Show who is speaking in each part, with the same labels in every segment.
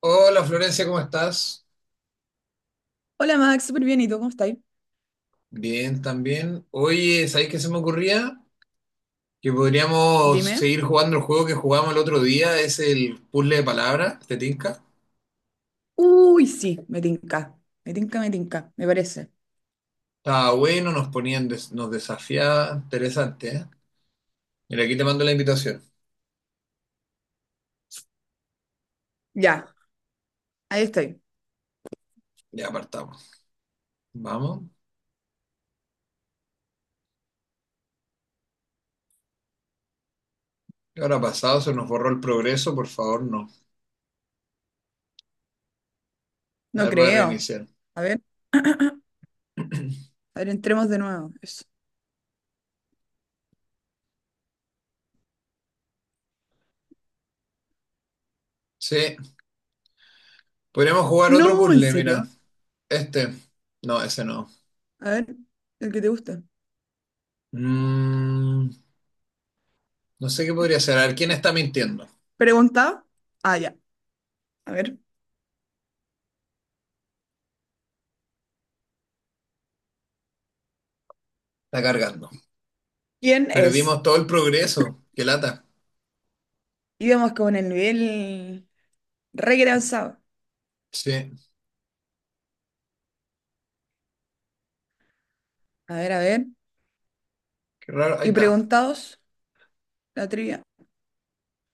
Speaker 1: Hola Florencia, ¿cómo estás?
Speaker 2: Hola Max, súper bien. ¿Y tú cómo estás?
Speaker 1: Bien, también. Oye, ¿sabéis qué se me ocurría? Que podríamos
Speaker 2: Dime.
Speaker 1: seguir jugando el juego que jugamos el otro día, es el puzzle de palabras, ¿te tinca?
Speaker 2: Uy, sí, me tinca. Me tinca, me tinca, me parece.
Speaker 1: Estaba bueno, nos ponían, nos desafiaba, interesante, ¿eh? Mira, aquí te mando la invitación.
Speaker 2: Ya, ahí estoy.
Speaker 1: Ya apartamos, vamos. ¿Qué habrá pasado? Se nos borró el progreso, por favor, no. A
Speaker 2: No
Speaker 1: ver, voy a
Speaker 2: creo.
Speaker 1: reiniciar.
Speaker 2: A ver. A ver, entremos de nuevo. Eso.
Speaker 1: Sí, podríamos jugar otro
Speaker 2: No, ¿en
Speaker 1: puzzle, mira.
Speaker 2: serio?
Speaker 1: Este. No, ese no.
Speaker 2: A ver, el que te gusta.
Speaker 1: Mm, no sé qué podría ser. A ver, ¿quién está mintiendo?
Speaker 2: Pregunta. Ah, ya. A ver.
Speaker 1: Está cargando.
Speaker 2: ¿Quién es?
Speaker 1: Perdimos todo el progreso. Qué lata.
Speaker 2: Íbamos con el nivel re que avanzado.
Speaker 1: Sí,
Speaker 2: A ver, a ver.
Speaker 1: qué raro. Ahí
Speaker 2: Y
Speaker 1: está.
Speaker 2: preguntados, la trivia.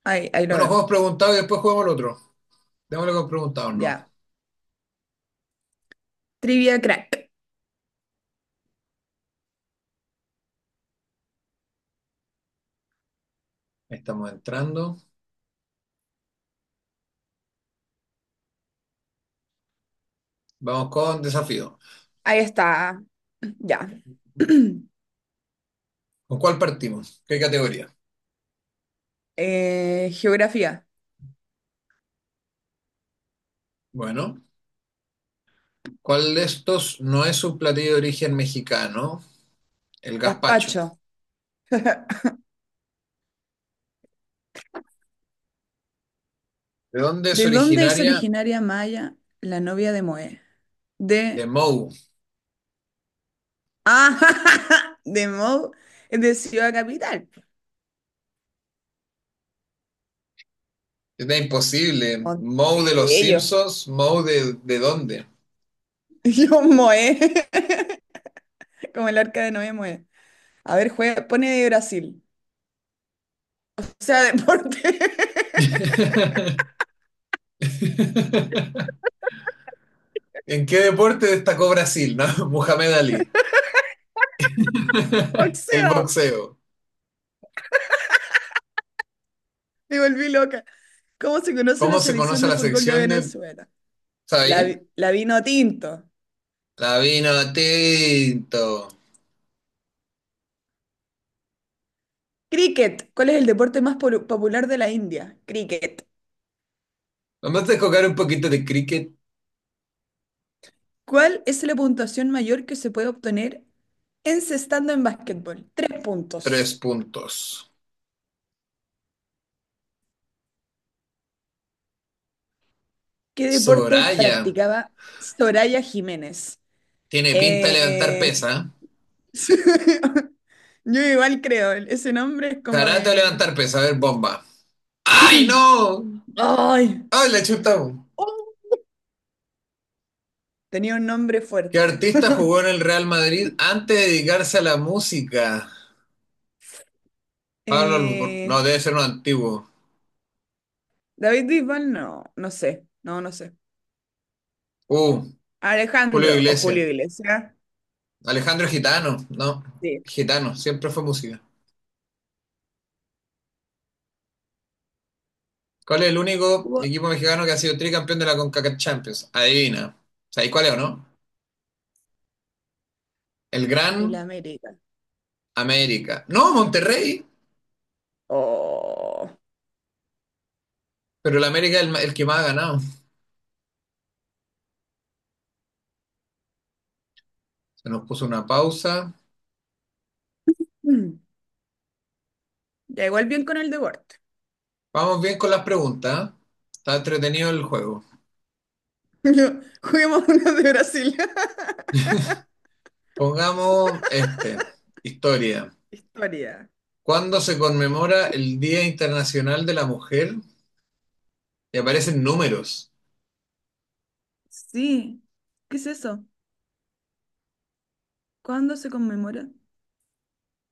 Speaker 2: Ahí lo
Speaker 1: Bueno,
Speaker 2: veo.
Speaker 1: juegos preguntados y después jugamos el otro. Démosle con preguntados, ¿no?
Speaker 2: Ya. Trivia crack.
Speaker 1: Ahí estamos entrando. Vamos con desafío.
Speaker 2: Ahí está. Ya.
Speaker 1: ¿Con cuál partimos? ¿Qué categoría?
Speaker 2: Geografía.
Speaker 1: Bueno, ¿cuál de estos no es un platillo de origen mexicano? El gazpacho.
Speaker 2: Gazpacho.
Speaker 1: ¿De dónde es
Speaker 2: ¿De dónde es
Speaker 1: originaria?
Speaker 2: originaria Maya, la novia de Moe?
Speaker 1: De
Speaker 2: De...
Speaker 1: Moe.
Speaker 2: Ah, de Mo, es de Ciudad Capital.
Speaker 1: Está imposible. Moe de los
Speaker 2: Montevideo.
Speaker 1: Simpsons, Moe de dónde.
Speaker 2: Yo Moe, como el arca de Noé Moe. A ver, juega, pone de Brasil. O sea, deporte.
Speaker 1: ¿En qué deporte destacó Brasil? ¿No? Muhammad Ali. El
Speaker 2: Boxeo.
Speaker 1: boxeo.
Speaker 2: Me volví loca. ¿Cómo se conoce la
Speaker 1: ¿Cómo se
Speaker 2: selección
Speaker 1: conoce
Speaker 2: de
Speaker 1: la
Speaker 2: fútbol de
Speaker 1: sección de...
Speaker 2: Venezuela? La,
Speaker 1: ¿Sabí?
Speaker 2: vi- la vino tinto.
Speaker 1: La vino tinto.
Speaker 2: Cricket. ¿Cuál es el deporte más popular de la India? Cricket.
Speaker 1: Nomás de jugar un poquito de cricket,
Speaker 2: ¿Cuál es la puntuación mayor que se puede obtener encestando en básquetbol? 3 puntos.
Speaker 1: tres puntos.
Speaker 2: ¿Qué deporte
Speaker 1: Soraya.
Speaker 2: practicaba Soraya Jiménez?
Speaker 1: Tiene pinta de levantar
Speaker 2: Eh,
Speaker 1: pesa.
Speaker 2: Yo igual creo, ese nombre es como
Speaker 1: Karate o
Speaker 2: de...
Speaker 1: levantar pesa. A ver, bomba. ¡Ay, no!
Speaker 2: ¡Ay!
Speaker 1: ¡Ay, la chuta!
Speaker 2: ¡Oh! Tenía un nombre
Speaker 1: ¿Qué
Speaker 2: fuerte.
Speaker 1: artista jugó en el Real Madrid antes de dedicarse a la música? Pablo... Albornoz.
Speaker 2: Eh,
Speaker 1: No, debe ser un antiguo.
Speaker 2: David Bisbal, no, no sé, no, no sé.
Speaker 1: Uh, Julio
Speaker 2: Alejandro o
Speaker 1: Iglesias.
Speaker 2: Julio Iglesias.
Speaker 1: Alejandro Gitano. No,
Speaker 2: Sí.
Speaker 1: Gitano. Siempre fue música. ¿Cuál es el único equipo mexicano que ha sido tricampeón de la CONCACAF Champions? Adivina. ¿Sabéis cuál es o no? El
Speaker 2: El
Speaker 1: Gran
Speaker 2: América.
Speaker 1: América. No, Monterrey,
Speaker 2: Oh.
Speaker 1: pero el América es el, el que más ha ganado. Se nos puso una pausa.
Speaker 2: Mm. Ya igual bien con el deporte.
Speaker 1: Vamos bien con las preguntas, ¿eh? Está entretenido el juego.
Speaker 2: Juguemos uno de Brasil.
Speaker 1: Pongamos este, historia.
Speaker 2: Historia.
Speaker 1: ¿Cuándo se conmemora el Día Internacional de la Mujer? Y aparecen números.
Speaker 2: Sí. ¿Qué es eso? ¿Cuándo se conmemora?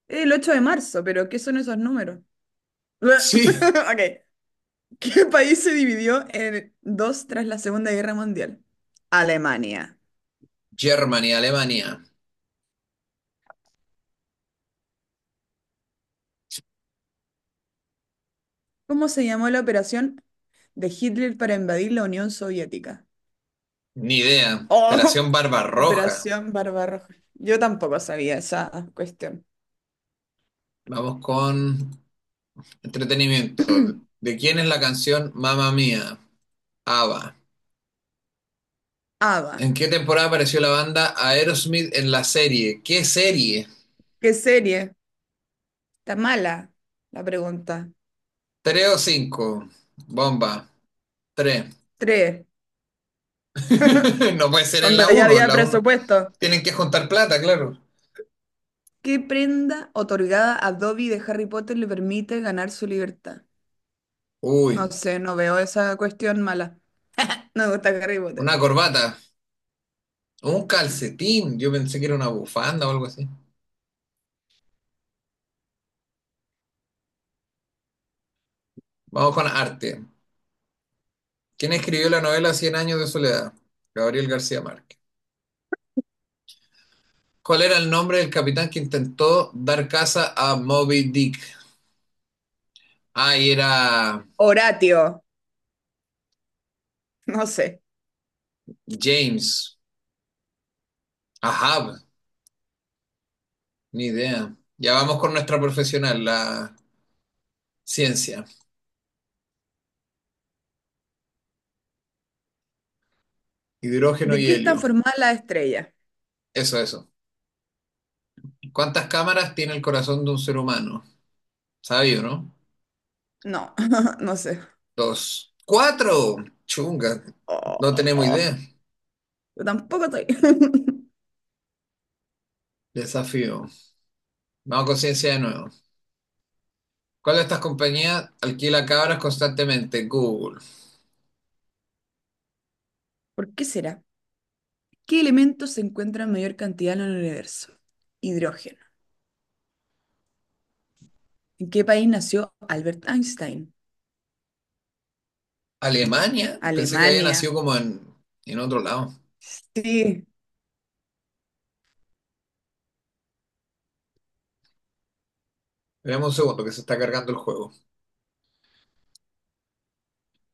Speaker 2: El 8 de marzo, pero ¿qué son esos números?
Speaker 1: Sí,
Speaker 2: Ok. ¿Qué país se dividió en dos tras la Segunda Guerra Mundial? Alemania.
Speaker 1: Germany, Alemania.
Speaker 2: ¿Cómo se llamó la operación de Hitler para invadir la Unión Soviética?
Speaker 1: Ni idea.
Speaker 2: Oh,
Speaker 1: Operación Barbarroja.
Speaker 2: Operación Barbarroja. Yo tampoco sabía esa cuestión.
Speaker 1: Vamos con Entretenimiento. ¿De quién es la canción Mamma Mía? ABBA.
Speaker 2: Ava,
Speaker 1: ¿En qué temporada apareció la banda Aerosmith en la serie? ¿Qué serie?
Speaker 2: ¿qué serie? ¿Está mala? La pregunta.
Speaker 1: ¿Tres o cinco? Bomba. Tres.
Speaker 2: Tres.
Speaker 1: No puede ser en
Speaker 2: Cuando
Speaker 1: la
Speaker 2: ya
Speaker 1: uno, en
Speaker 2: había
Speaker 1: la uno.
Speaker 2: presupuesto.
Speaker 1: Tienen que juntar plata, claro.
Speaker 2: ¿Qué prenda otorgada a Dobby de Harry Potter le permite ganar su libertad? No
Speaker 1: Uy,
Speaker 2: sé, no veo esa cuestión mala. No me gusta Harry Potter.
Speaker 1: una corbata. Un calcetín. Yo pensé que era una bufanda o algo así. Vamos con arte. ¿Quién escribió la novela Cien años de soledad? Gabriel García Márquez. ¿Cuál era el nombre del capitán que intentó dar caza a Moby Dick? Ah, y era
Speaker 2: Horatio, no sé.
Speaker 1: James. Ahab, ni idea. Ya vamos con nuestra profesional, la ciencia. Hidrógeno
Speaker 2: ¿De
Speaker 1: y
Speaker 2: qué están
Speaker 1: helio.
Speaker 2: formadas las estrellas?
Speaker 1: Eso, eso. ¿Cuántas cámaras tiene el corazón de un ser humano? Sabio, ¿no?
Speaker 2: No, no sé.
Speaker 1: Dos. ¡Cuatro! Chunga. No tenemos
Speaker 2: Oh,
Speaker 1: idea.
Speaker 2: yo tampoco estoy.
Speaker 1: Desafío. Vamos con ciencia de nuevo. ¿Cuál de estas compañías alquila cabras constantemente? Google.
Speaker 2: ¿Por qué será? ¿Qué elemento se encuentra en mayor cantidad en el universo? Hidrógeno. ¿En qué país nació Albert Einstein?
Speaker 1: ¿Alemania? Pensé que había
Speaker 2: Alemania.
Speaker 1: nacido como en otro lado.
Speaker 2: Sí,
Speaker 1: Veamos un segundo que se está cargando el juego.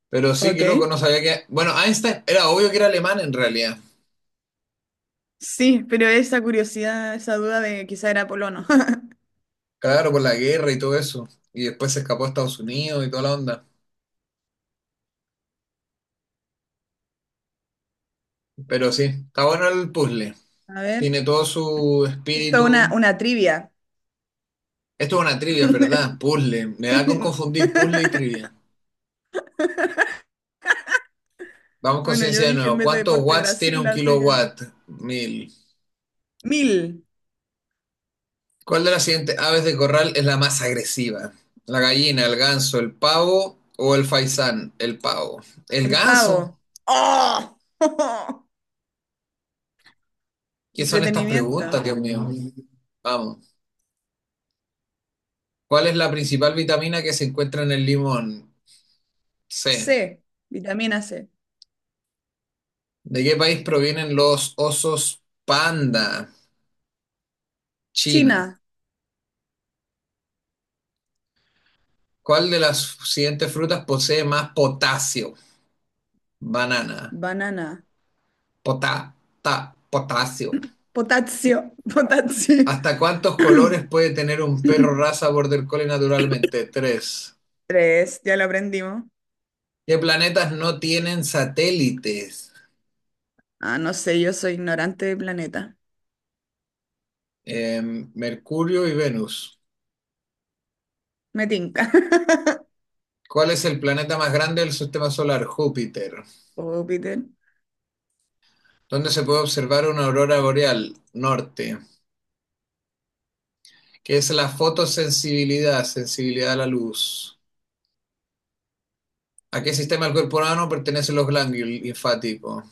Speaker 1: Pero sí,
Speaker 2: ok.
Speaker 1: qué loco, no sabía que. Bueno, Einstein era obvio que era alemán en realidad.
Speaker 2: Sí, pero esa curiosidad, esa duda de quizá era polono.
Speaker 1: Claro, por la guerra y todo eso. Y después se escapó a Estados Unidos y toda la onda. Pero sí, está bueno el puzzle.
Speaker 2: A ver,
Speaker 1: Tiene todo su
Speaker 2: esto es una,
Speaker 1: espíritu.
Speaker 2: una trivia.
Speaker 1: Esto es una trivia, ¿verdad? Puzzle. Me da con confundir puzzle y trivia. Vamos con
Speaker 2: Bueno, yo
Speaker 1: ciencia de
Speaker 2: dije en
Speaker 1: nuevo.
Speaker 2: vez de
Speaker 1: ¿Cuántos
Speaker 2: deporte
Speaker 1: watts tiene
Speaker 2: Brasil,
Speaker 1: un
Speaker 2: así que...
Speaker 1: kilowatt? Mil.
Speaker 2: 1.000,
Speaker 1: ¿Cuál de las siguientes aves de corral es la más agresiva? ¿La gallina, el ganso, el pavo o el faisán? El pavo. ¿El
Speaker 2: el
Speaker 1: ganso?
Speaker 2: pavo. ¡Oh!
Speaker 1: ¿Qué son estas preguntas,
Speaker 2: Entretenimiento.
Speaker 1: Dios mío? No. Vamos. ¿Cuál es la principal vitamina que se encuentra en el limón? C.
Speaker 2: C, vitamina C.
Speaker 1: ¿De qué país provienen los osos panda? China.
Speaker 2: China,
Speaker 1: ¿Cuál de las siguientes frutas posee más potasio? Banana.
Speaker 2: banana.
Speaker 1: Pota, ta, potasio.
Speaker 2: Potasio, potasio.
Speaker 1: ¿Hasta cuántos colores puede tener un perro raza border collie naturalmente? Tres.
Speaker 2: Tres, ya lo aprendimos.
Speaker 1: ¿Qué planetas no tienen satélites?
Speaker 2: Ah, no sé, yo soy ignorante de planeta.
Speaker 1: Mercurio y Venus.
Speaker 2: Me tinca.
Speaker 1: ¿Cuál es el planeta más grande del sistema solar? Júpiter.
Speaker 2: Júpiter.
Speaker 1: ¿Dónde se puede observar una aurora boreal? Norte. ¿Qué es la fotosensibilidad? Sensibilidad a la luz. ¿A qué sistema del cuerpo humano pertenecen los ganglios linfáticos?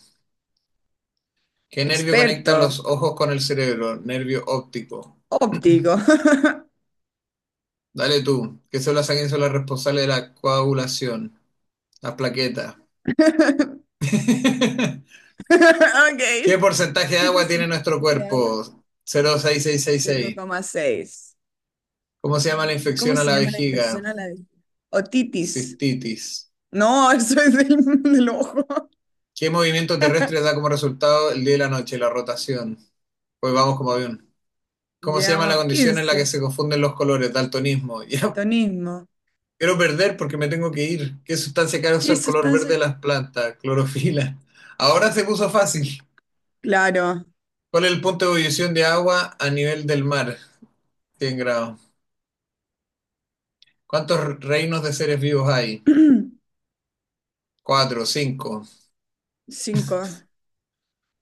Speaker 1: ¿Qué nervio conecta
Speaker 2: Experto.
Speaker 1: los ojos con el cerebro? Nervio óptico.
Speaker 2: Óptico.
Speaker 1: Dale tú. ¿Qué células sanguíneas son las responsables de la coagulación? Las plaquetas.
Speaker 2: Ok.
Speaker 1: ¿Qué porcentaje de
Speaker 2: ¿Qué
Speaker 1: agua tiene
Speaker 2: porcentaje
Speaker 1: nuestro
Speaker 2: de agua?
Speaker 1: cuerpo? Cero coma seis seis seis
Speaker 2: Cero
Speaker 1: seis.
Speaker 2: coma seis.
Speaker 1: ¿Cómo se llama la
Speaker 2: ¿Cómo
Speaker 1: infección a
Speaker 2: se
Speaker 1: la
Speaker 2: llama la
Speaker 1: vejiga?
Speaker 2: infección a la vez? Otitis.
Speaker 1: Cistitis.
Speaker 2: No, eso es del, del ojo.
Speaker 1: ¿Qué movimiento terrestre da como resultado el día y la noche? La rotación. Pues vamos como avión. ¿Cómo se llama la
Speaker 2: Llevamos
Speaker 1: condición en la que
Speaker 2: 15.
Speaker 1: se confunden los colores? Daltonismo. Ya
Speaker 2: Daltonismo.
Speaker 1: quiero perder porque me tengo que ir. ¿Qué sustancia causa
Speaker 2: ¿Qué
Speaker 1: el color verde
Speaker 2: sustancia?
Speaker 1: de las plantas? Clorofila. Ahora se puso fácil.
Speaker 2: Claro.
Speaker 1: ¿Cuál es el punto de ebullición de agua a nivel del mar? 100 grados. ¿Cuántos reinos de seres vivos hay? Cuatro, cinco.
Speaker 2: 5.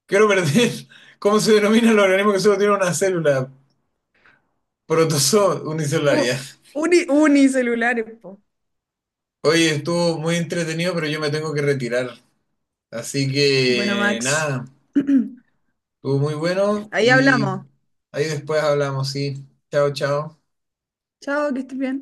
Speaker 1: Quiero perder. ¿Cómo se denomina el organismo que solo tiene una célula? Protozoo unicelular.
Speaker 2: U-
Speaker 1: Ya.
Speaker 2: unicelulares, po.
Speaker 1: Oye, estuvo muy entretenido, pero yo me tengo que retirar. Así
Speaker 2: Bueno,
Speaker 1: que
Speaker 2: Max,
Speaker 1: nada, estuvo muy bueno
Speaker 2: ahí
Speaker 1: y
Speaker 2: hablamos.
Speaker 1: ahí después hablamos, sí. Chao, chao.
Speaker 2: Chao, que estés bien.